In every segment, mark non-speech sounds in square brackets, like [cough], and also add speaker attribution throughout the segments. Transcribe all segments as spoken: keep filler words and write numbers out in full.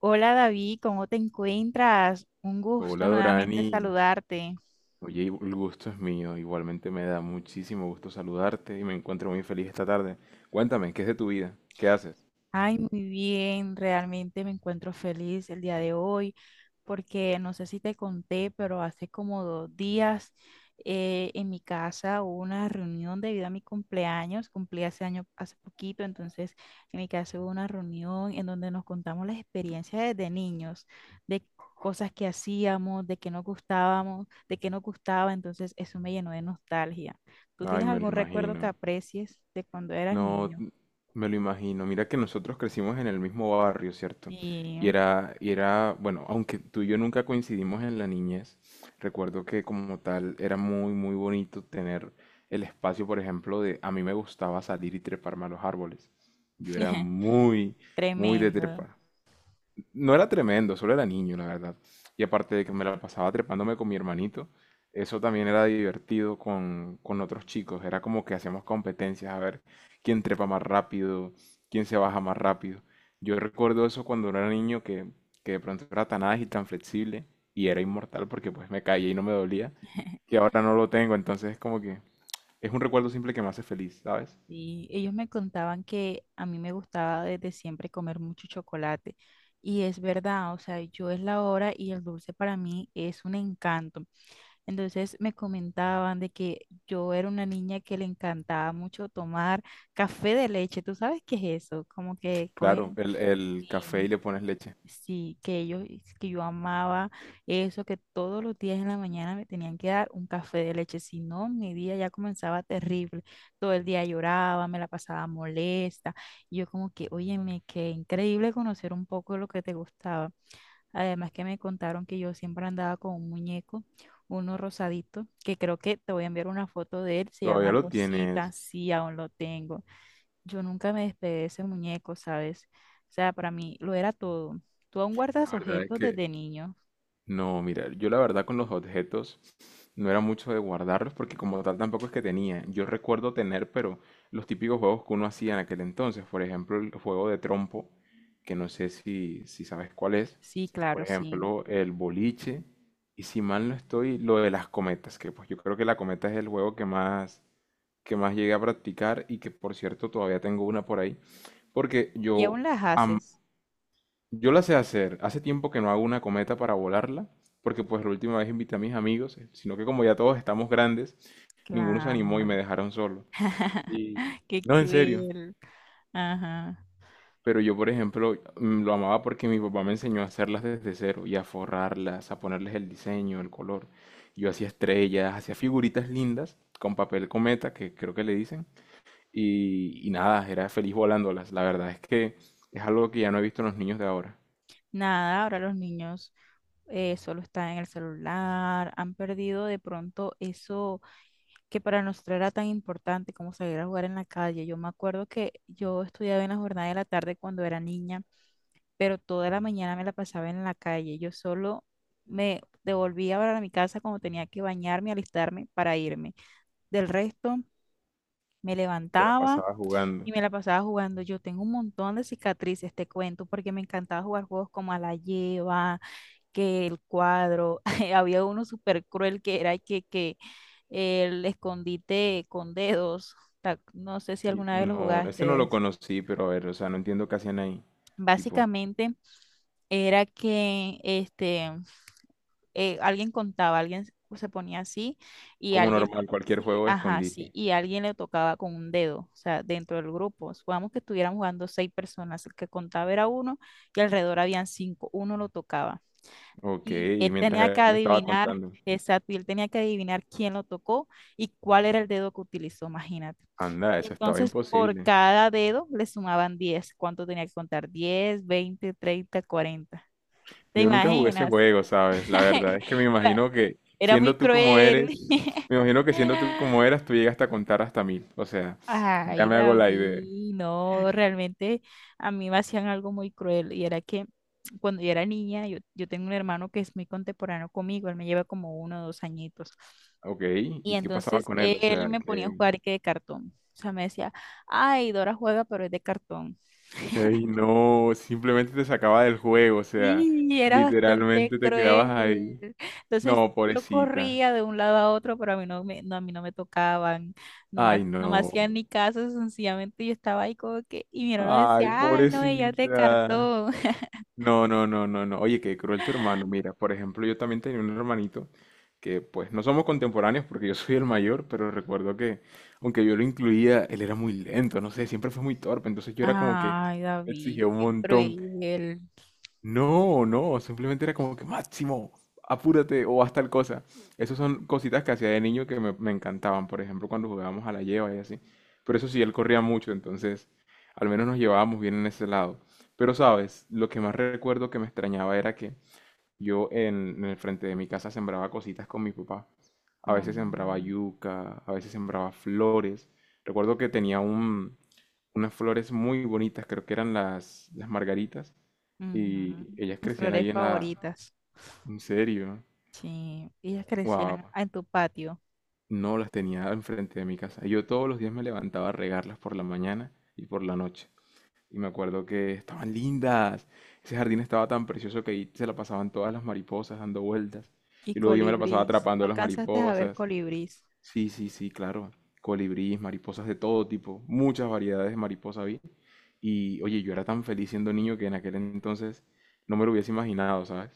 Speaker 1: Hola David, ¿cómo te encuentras? Un
Speaker 2: Hola
Speaker 1: gusto nuevamente
Speaker 2: Dorani,
Speaker 1: saludarte.
Speaker 2: oye, el gusto es mío, igualmente me da muchísimo gusto saludarte y me encuentro muy feliz esta tarde. Cuéntame, ¿qué es de tu vida? ¿Qué haces?
Speaker 1: Ay, muy bien, realmente me encuentro feliz el día de hoy porque no sé si te conté, pero hace como dos días eh, en mi casa hubo una reunión debido a mi cumpleaños, cumplí hace año, hace poquito, entonces en mi casa hubo una reunión en donde nos contamos las experiencias desde niños, de cosas que hacíamos, de que nos gustábamos, de que nos gustaba, entonces eso me llenó de nostalgia. ¿Tú
Speaker 2: Ay,
Speaker 1: tienes
Speaker 2: me lo
Speaker 1: algún recuerdo que
Speaker 2: imagino.
Speaker 1: aprecies de cuando eras
Speaker 2: No,
Speaker 1: niño?
Speaker 2: n- me lo imagino. Mira que nosotros crecimos en el mismo barrio, ¿cierto? Y
Speaker 1: Sí.
Speaker 2: era, y era, bueno, aunque tú y yo nunca coincidimos en la niñez, recuerdo que como tal era muy, muy bonito tener el espacio, por ejemplo, de a mí me gustaba salir y treparme a los árboles. Yo era
Speaker 1: [laughs]
Speaker 2: muy, muy de
Speaker 1: Tremendo.
Speaker 2: trepar. No era tremendo, solo era niño, la verdad. Y aparte de que me la pasaba trepándome con mi hermanito, eso también era divertido con, con otros chicos. Era como que hacíamos competencias a ver quién trepa más rápido, quién se baja más rápido. Yo recuerdo eso cuando era niño que, que de pronto era tan ágil, tan flexible y era inmortal porque pues me caía y no me dolía, que
Speaker 1: [laughs]
Speaker 2: ahora no lo tengo. Entonces es como que es un recuerdo simple que me hace feliz, ¿sabes?
Speaker 1: Y ellos me contaban que a mí me gustaba desde siempre comer mucho chocolate. Y es verdad, o sea, yo es la hora y el dulce para mí es un encanto. Entonces me comentaban de que yo era una niña que le encantaba mucho tomar café de leche. ¿Tú sabes qué es eso? Como que
Speaker 2: Claro,
Speaker 1: cogen...
Speaker 2: el, el café
Speaker 1: Sí.
Speaker 2: y le pones leche.
Speaker 1: Sí, que ellos, que yo amaba eso, que todos los días en la mañana me tenían que dar un café de leche, si no, mi día ya comenzaba terrible, todo el día lloraba, me la pasaba molesta, y yo como que, óyeme, qué increíble conocer un poco de lo que te gustaba, además que me contaron que yo siempre andaba con un muñeco, uno rosadito, que creo que te voy a enviar una foto de él, se
Speaker 2: Todavía
Speaker 1: llama
Speaker 2: lo
Speaker 1: Rosita,
Speaker 2: tienes.
Speaker 1: sí, aún lo tengo, yo nunca me despegué de ese muñeco, ¿sabes? O sea, para mí lo era todo. ¿Tú aún guardas
Speaker 2: La verdad es
Speaker 1: objetos
Speaker 2: que
Speaker 1: desde niño?
Speaker 2: no, mira, yo la verdad con los objetos no era mucho de guardarlos porque como tal tampoco es que tenía. Yo recuerdo tener, pero los típicos juegos que uno hacía en aquel entonces, por ejemplo, el juego de trompo, que no sé si, si sabes cuál es,
Speaker 1: Sí,
Speaker 2: por
Speaker 1: claro, sí.
Speaker 2: ejemplo, el boliche, y si mal no estoy, lo de las cometas, que pues yo creo que la cometa es el juego que más, que más llegué a practicar y que por cierto todavía tengo una por ahí, porque
Speaker 1: ¿Y
Speaker 2: yo
Speaker 1: aún las haces?
Speaker 2: yo la sé hacer. Hace tiempo que no hago una cometa para volarla, porque pues la última vez invité a mis amigos, eh, sino que como ya todos estamos grandes, ninguno se animó y me
Speaker 1: Claro.
Speaker 2: dejaron solo.
Speaker 1: [laughs]
Speaker 2: Y
Speaker 1: Qué
Speaker 2: no, en serio.
Speaker 1: cruel. Ajá.
Speaker 2: Pero yo, por ejemplo, mm, lo amaba porque mi papá me enseñó a hacerlas desde cero y a forrarlas, a ponerles el diseño, el color. Yo hacía estrellas, hacía figuritas lindas con papel cometa, que creo que le dicen. Y, y nada, era feliz volándolas. La verdad es que es algo que ya no he visto en los niños de ahora.
Speaker 1: Nada, ahora los niños eh, solo están en el celular, han perdido de pronto eso que para nosotros era tan importante como salir a jugar en la calle. Yo me acuerdo que yo estudiaba en la jornada de la tarde cuando era niña, pero toda la mañana me la pasaba en la calle. Yo solo me devolvía para mi casa cuando tenía que bañarme, alistarme para irme. Del resto, me
Speaker 2: Se la
Speaker 1: levantaba
Speaker 2: pasaba jugando.
Speaker 1: y me la pasaba jugando. Yo tengo un montón de cicatrices, te cuento, porque me encantaba jugar juegos como a la lleva, que el cuadro. [laughs] Había uno súper cruel que era que, que el escondite con dedos. Ta- No sé si
Speaker 2: Y-
Speaker 1: alguna vez lo
Speaker 2: No, ese no
Speaker 1: jugaste.
Speaker 2: lo conocí, pero a ver, o sea, no entiendo qué hacían ahí. Tipo,
Speaker 1: Básicamente era que este eh, alguien contaba, alguien se ponía así y
Speaker 2: como
Speaker 1: alguien,
Speaker 2: normal, cualquier
Speaker 1: sí,
Speaker 2: juego de
Speaker 1: ajá, sí,
Speaker 2: escondite.
Speaker 1: y alguien le tocaba con un dedo, o sea, dentro del grupo. Supongamos que estuvieran jugando seis personas, el que contaba era uno y alrededor habían cinco, uno lo tocaba.
Speaker 2: Ok,
Speaker 1: Y
Speaker 2: y
Speaker 1: él
Speaker 2: mientras
Speaker 1: tenía que
Speaker 2: él estaba
Speaker 1: adivinar,
Speaker 2: contando,
Speaker 1: exacto, y él tenía que adivinar quién lo tocó y cuál era el dedo que utilizó, imagínate.
Speaker 2: anda, eso estaba
Speaker 1: Entonces, por
Speaker 2: imposible.
Speaker 1: cada dedo le sumaban diez. ¿Cuánto tenía que contar? Diez, veinte, treinta, cuarenta. ¿Te
Speaker 2: Yo nunca jugué ese
Speaker 1: imaginas?
Speaker 2: juego, ¿sabes? La verdad es que me
Speaker 1: [laughs]
Speaker 2: imagino que
Speaker 1: Era muy
Speaker 2: siendo tú como
Speaker 1: cruel.
Speaker 2: eres, me imagino que siendo tú como
Speaker 1: [laughs]
Speaker 2: eras, tú llegaste a contar hasta mil. O sea, ya
Speaker 1: Ay,
Speaker 2: me hago la idea.
Speaker 1: David, no, realmente a mí me hacían algo muy cruel y era que cuando yo era niña, yo, yo tengo un hermano que es muy contemporáneo conmigo, él me lleva como uno o dos añitos.
Speaker 2: Ok,
Speaker 1: Y
Speaker 2: ¿y qué pasaba
Speaker 1: entonces
Speaker 2: con él? O
Speaker 1: él
Speaker 2: sea,
Speaker 1: me ponía a
Speaker 2: que...
Speaker 1: jugar que de cartón. O sea, me decía, ay, Dora juega, pero es de cartón.
Speaker 2: Ey, no, simplemente te sacaba del juego, o sea,
Speaker 1: Sí, era bastante
Speaker 2: literalmente te quedabas
Speaker 1: cruel.
Speaker 2: ahí.
Speaker 1: Entonces
Speaker 2: No,
Speaker 1: yo
Speaker 2: pobrecita.
Speaker 1: corría de un lado a otro, pero a mí no me, no, a mí no me tocaban, no me, ha-
Speaker 2: Ay,
Speaker 1: no me
Speaker 2: no.
Speaker 1: hacían ni caso, sencillamente yo estaba ahí como que, y mi hermano
Speaker 2: Ay,
Speaker 1: decía, ay, no, ella te
Speaker 2: pobrecita.
Speaker 1: cartó. [laughs]
Speaker 2: No, no, no, no, no. Oye, qué cruel tu hermano. Mira, por ejemplo, yo también tenía un hermanito que pues no somos contemporáneos porque yo soy el mayor, pero recuerdo que aunque yo lo incluía, él era muy lento, no sé, siempre fue muy torpe, entonces yo era como que
Speaker 1: Ay, David,
Speaker 2: exigía un
Speaker 1: qué
Speaker 2: montón.
Speaker 1: cruel.
Speaker 2: No, no, simplemente era como que Máximo, apúrate o haz tal cosa. Esas son cositas que hacía de niño que me, me encantaban, por ejemplo, cuando jugábamos a la lleva y así. Pero eso sí, él corría mucho, entonces al menos nos llevábamos bien en ese lado. Pero sabes, lo que más recuerdo que me extrañaba era que yo en, en el frente de mi casa sembraba cositas con mi papá. A veces sembraba
Speaker 1: Mm,
Speaker 2: yuca, a veces sembraba flores. Recuerdo que tenía un, unas flores muy bonitas, creo que eran las, las margaritas y
Speaker 1: ujú.
Speaker 2: ellas
Speaker 1: Mis
Speaker 2: crecían
Speaker 1: flores
Speaker 2: ahí en la...
Speaker 1: favoritas.
Speaker 2: En serio.
Speaker 1: Sí, ellas
Speaker 2: Wow.
Speaker 1: crecían en tu patio.
Speaker 2: No las tenía enfrente de mi casa. Yo todos los días me levantaba a regarlas por la mañana y por la noche. Y me acuerdo que estaban lindas. Ese jardín estaba tan precioso que ahí se la pasaban todas las mariposas dando vueltas.
Speaker 1: Y
Speaker 2: Y luego yo me la pasaba
Speaker 1: colibrís.
Speaker 2: atrapando
Speaker 1: ¿No
Speaker 2: a las
Speaker 1: alcanzaste a ver
Speaker 2: mariposas.
Speaker 1: colibrís?
Speaker 2: Sí, sí, sí, claro. Colibríes, mariposas de todo tipo. Muchas variedades de mariposa vi. Y oye, yo era tan feliz siendo niño que en aquel entonces no me lo hubiese imaginado, ¿sabes?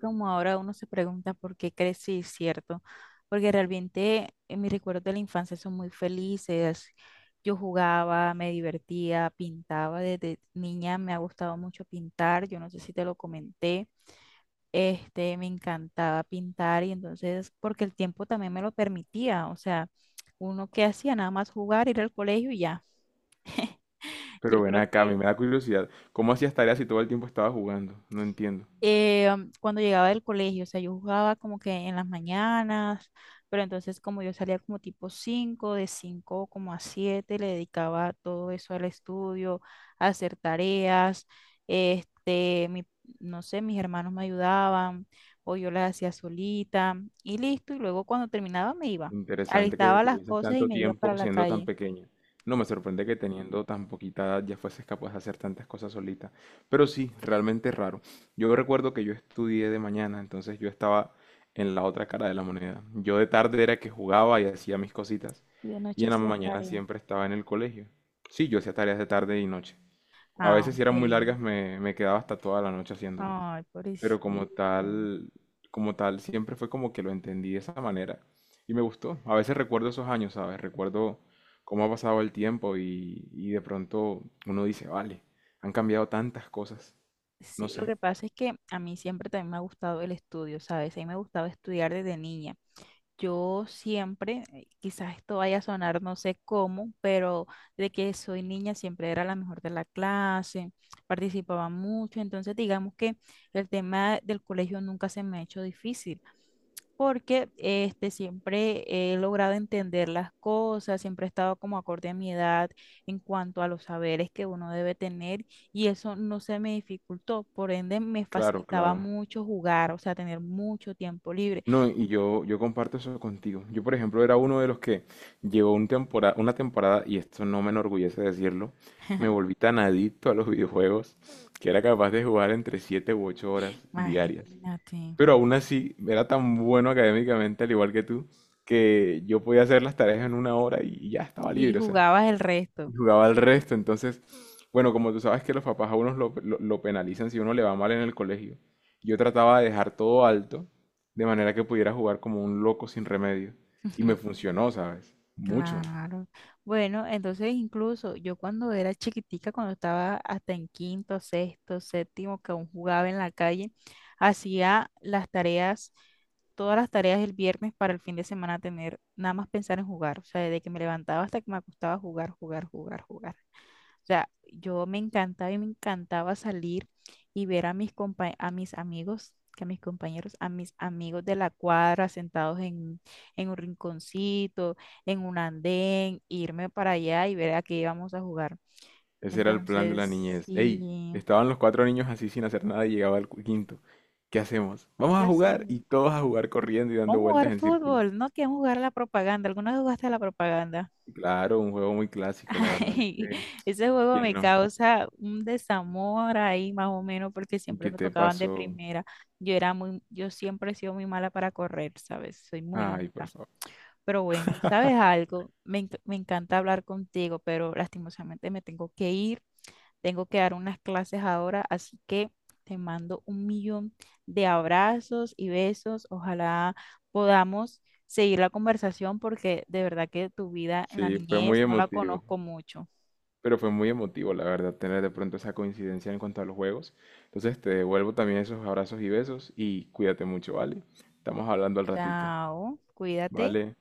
Speaker 1: Como ahora uno se pregunta por qué crecí, ¿cierto? Porque realmente eh, mis recuerdos de la infancia son muy felices. Yo jugaba, me divertía, pintaba. Desde niña me ha gustado mucho pintar. Yo no sé si te lo comenté. Este, me encantaba pintar y entonces, porque el tiempo también me lo permitía. O sea, uno que hacía nada más jugar, ir al colegio y ya. Yo
Speaker 2: Pero ven
Speaker 1: creo
Speaker 2: acá, a mí
Speaker 1: que
Speaker 2: me da curiosidad. ¿Cómo hacías tareas si todo el tiempo estabas jugando? No entiendo.
Speaker 1: eh, um, cuando llegaba del colegio, o sea, yo jugaba como que en las mañanas, pero entonces como yo salía como tipo cinco, de cinco como a siete le dedicaba todo eso al estudio, a hacer tareas, este, mi- no sé, mis hermanos me ayudaban o yo las hacía solita y listo, y luego cuando terminaba me iba,
Speaker 2: Interesante que
Speaker 1: alistaba las
Speaker 2: tuvieses
Speaker 1: cosas y
Speaker 2: tanto
Speaker 1: me iba para
Speaker 2: tiempo
Speaker 1: la
Speaker 2: siendo tan
Speaker 1: calle.
Speaker 2: pequeña. No me sorprende que teniendo tan poquita edad ya fueses capaz de hacer tantas cosas solita. Pero sí, realmente raro. Yo recuerdo que yo estudié de mañana, entonces yo estaba en la otra cara de la moneda. Yo de tarde era que jugaba y hacía mis cositas.
Speaker 1: Y de
Speaker 2: Y
Speaker 1: noche
Speaker 2: en la
Speaker 1: hacía
Speaker 2: mañana
Speaker 1: tarea.
Speaker 2: siempre estaba en el colegio. Sí, yo hacía tareas de tarde y noche. A
Speaker 1: Ah,
Speaker 2: veces si eran muy
Speaker 1: ok.
Speaker 2: largas me, me quedaba hasta toda la noche haciéndolas.
Speaker 1: Ay,
Speaker 2: Pero como
Speaker 1: pobrecito.
Speaker 2: tal, como tal, siempre fue como que lo entendí de esa manera y me gustó. A veces recuerdo esos años, ¿sabes? Recuerdo cómo ha pasado el tiempo y, y de pronto uno dice, vale, han cambiado tantas cosas. No
Speaker 1: Sí, lo
Speaker 2: sé,
Speaker 1: que pasa es que a mí siempre también me ha gustado el estudio, ¿sabes? A mí me gustaba estudiar desde niña. Yo siempre, eh, quizás esto vaya a sonar no sé cómo, pero de que soy niña siempre era la mejor de la clase, participaba mucho, entonces digamos que el tema del colegio nunca se me ha hecho difícil porque este, siempre he logrado entender las cosas, siempre he estado como acorde a mi edad en cuanto a los saberes que uno debe tener y eso no se me dificultó, por ende me
Speaker 2: claro,
Speaker 1: facilitaba
Speaker 2: claro.
Speaker 1: mucho jugar, o sea, tener mucho tiempo libre.
Speaker 2: No, y, yo, yo comparto eso contigo. Yo, por ejemplo, era uno de los que llegó un tempora- una temporada, y esto no me enorgullece decirlo, me volví tan adicto a los videojuegos que era capaz de jugar entre siete u ocho horas diarias.
Speaker 1: Imagínate.
Speaker 2: Pero aún así, era tan bueno académicamente, al igual que tú, que yo podía hacer las tareas en una hora y ya estaba
Speaker 1: Y y
Speaker 2: libre, o sea,
Speaker 1: jugabas el
Speaker 2: y
Speaker 1: resto.
Speaker 2: jugaba al resto. Entonces, bueno, como tú sabes que los papás a unos lo, lo- lo penalizan si uno le va mal en el colegio, yo trataba de dejar todo alto, de manera que pudiera jugar como un loco sin remedio. Y me
Speaker 1: [laughs]
Speaker 2: funcionó, ¿sabes? Mucho.
Speaker 1: Claro. Bueno, entonces incluso yo cuando era chiquitica, cuando estaba hasta en quinto, sexto, séptimo, que aún jugaba en la calle, hacía las tareas, todas las tareas el viernes para el fin de semana tener, nada más pensar en jugar, o sea, desde que me levantaba hasta que me acostaba jugar, jugar, jugar, jugar. O sea, yo me encantaba y me encantaba salir y ver a mis compa- a mis amigos, que a mis compañeros, a mis amigos de la cuadra sentados en, en un rinconcito, en un andén, irme para allá y ver a qué íbamos a jugar.
Speaker 2: Ese era el plan de la
Speaker 1: Entonces,
Speaker 2: niñez. Ey,
Speaker 1: sí,
Speaker 2: estaban los cuatro niños así sin hacer nada y llegaba el cu- quinto. ¿Qué hacemos? Vamos
Speaker 1: ¿qué
Speaker 2: a jugar.
Speaker 1: hacemos?
Speaker 2: Y todos a jugar corriendo y dando
Speaker 1: Vamos a
Speaker 2: vueltas
Speaker 1: jugar
Speaker 2: en círculo.
Speaker 1: fútbol, no queremos jugar a la propaganda. ¿Alguna vez jugaste a la propaganda?
Speaker 2: Claro, un juego muy clásico, la verdad es
Speaker 1: [laughs]
Speaker 2: que,
Speaker 1: Ese juego
Speaker 2: ¿quién
Speaker 1: me
Speaker 2: no?
Speaker 1: causa un desamor ahí más o menos porque
Speaker 2: ¿Y
Speaker 1: siempre
Speaker 2: qué
Speaker 1: me
Speaker 2: te
Speaker 1: tocaban de
Speaker 2: pasó?
Speaker 1: primera. Yo era muy, yo siempre he sido muy mala para correr, ¿sabes? Soy muy
Speaker 2: Ay, por
Speaker 1: lenta.
Speaker 2: favor.
Speaker 1: Pero bueno, ¿sabes algo? Me, enc- me encanta hablar contigo, pero lastimosamente me tengo que ir. Tengo que dar unas clases ahora, así que te mando un millón de abrazos y besos. Ojalá podamos seguir la conversación porque de verdad que tu vida en la
Speaker 2: Sí, fue muy
Speaker 1: niñez no la
Speaker 2: emotivo,
Speaker 1: conozco mucho.
Speaker 2: pero fue muy emotivo, la verdad, tener de pronto esa coincidencia en cuanto a los juegos. Entonces te devuelvo también esos abrazos y besos y cuídate mucho, ¿vale? Estamos hablando al ratito,
Speaker 1: Chao, cuídate.
Speaker 2: ¿vale?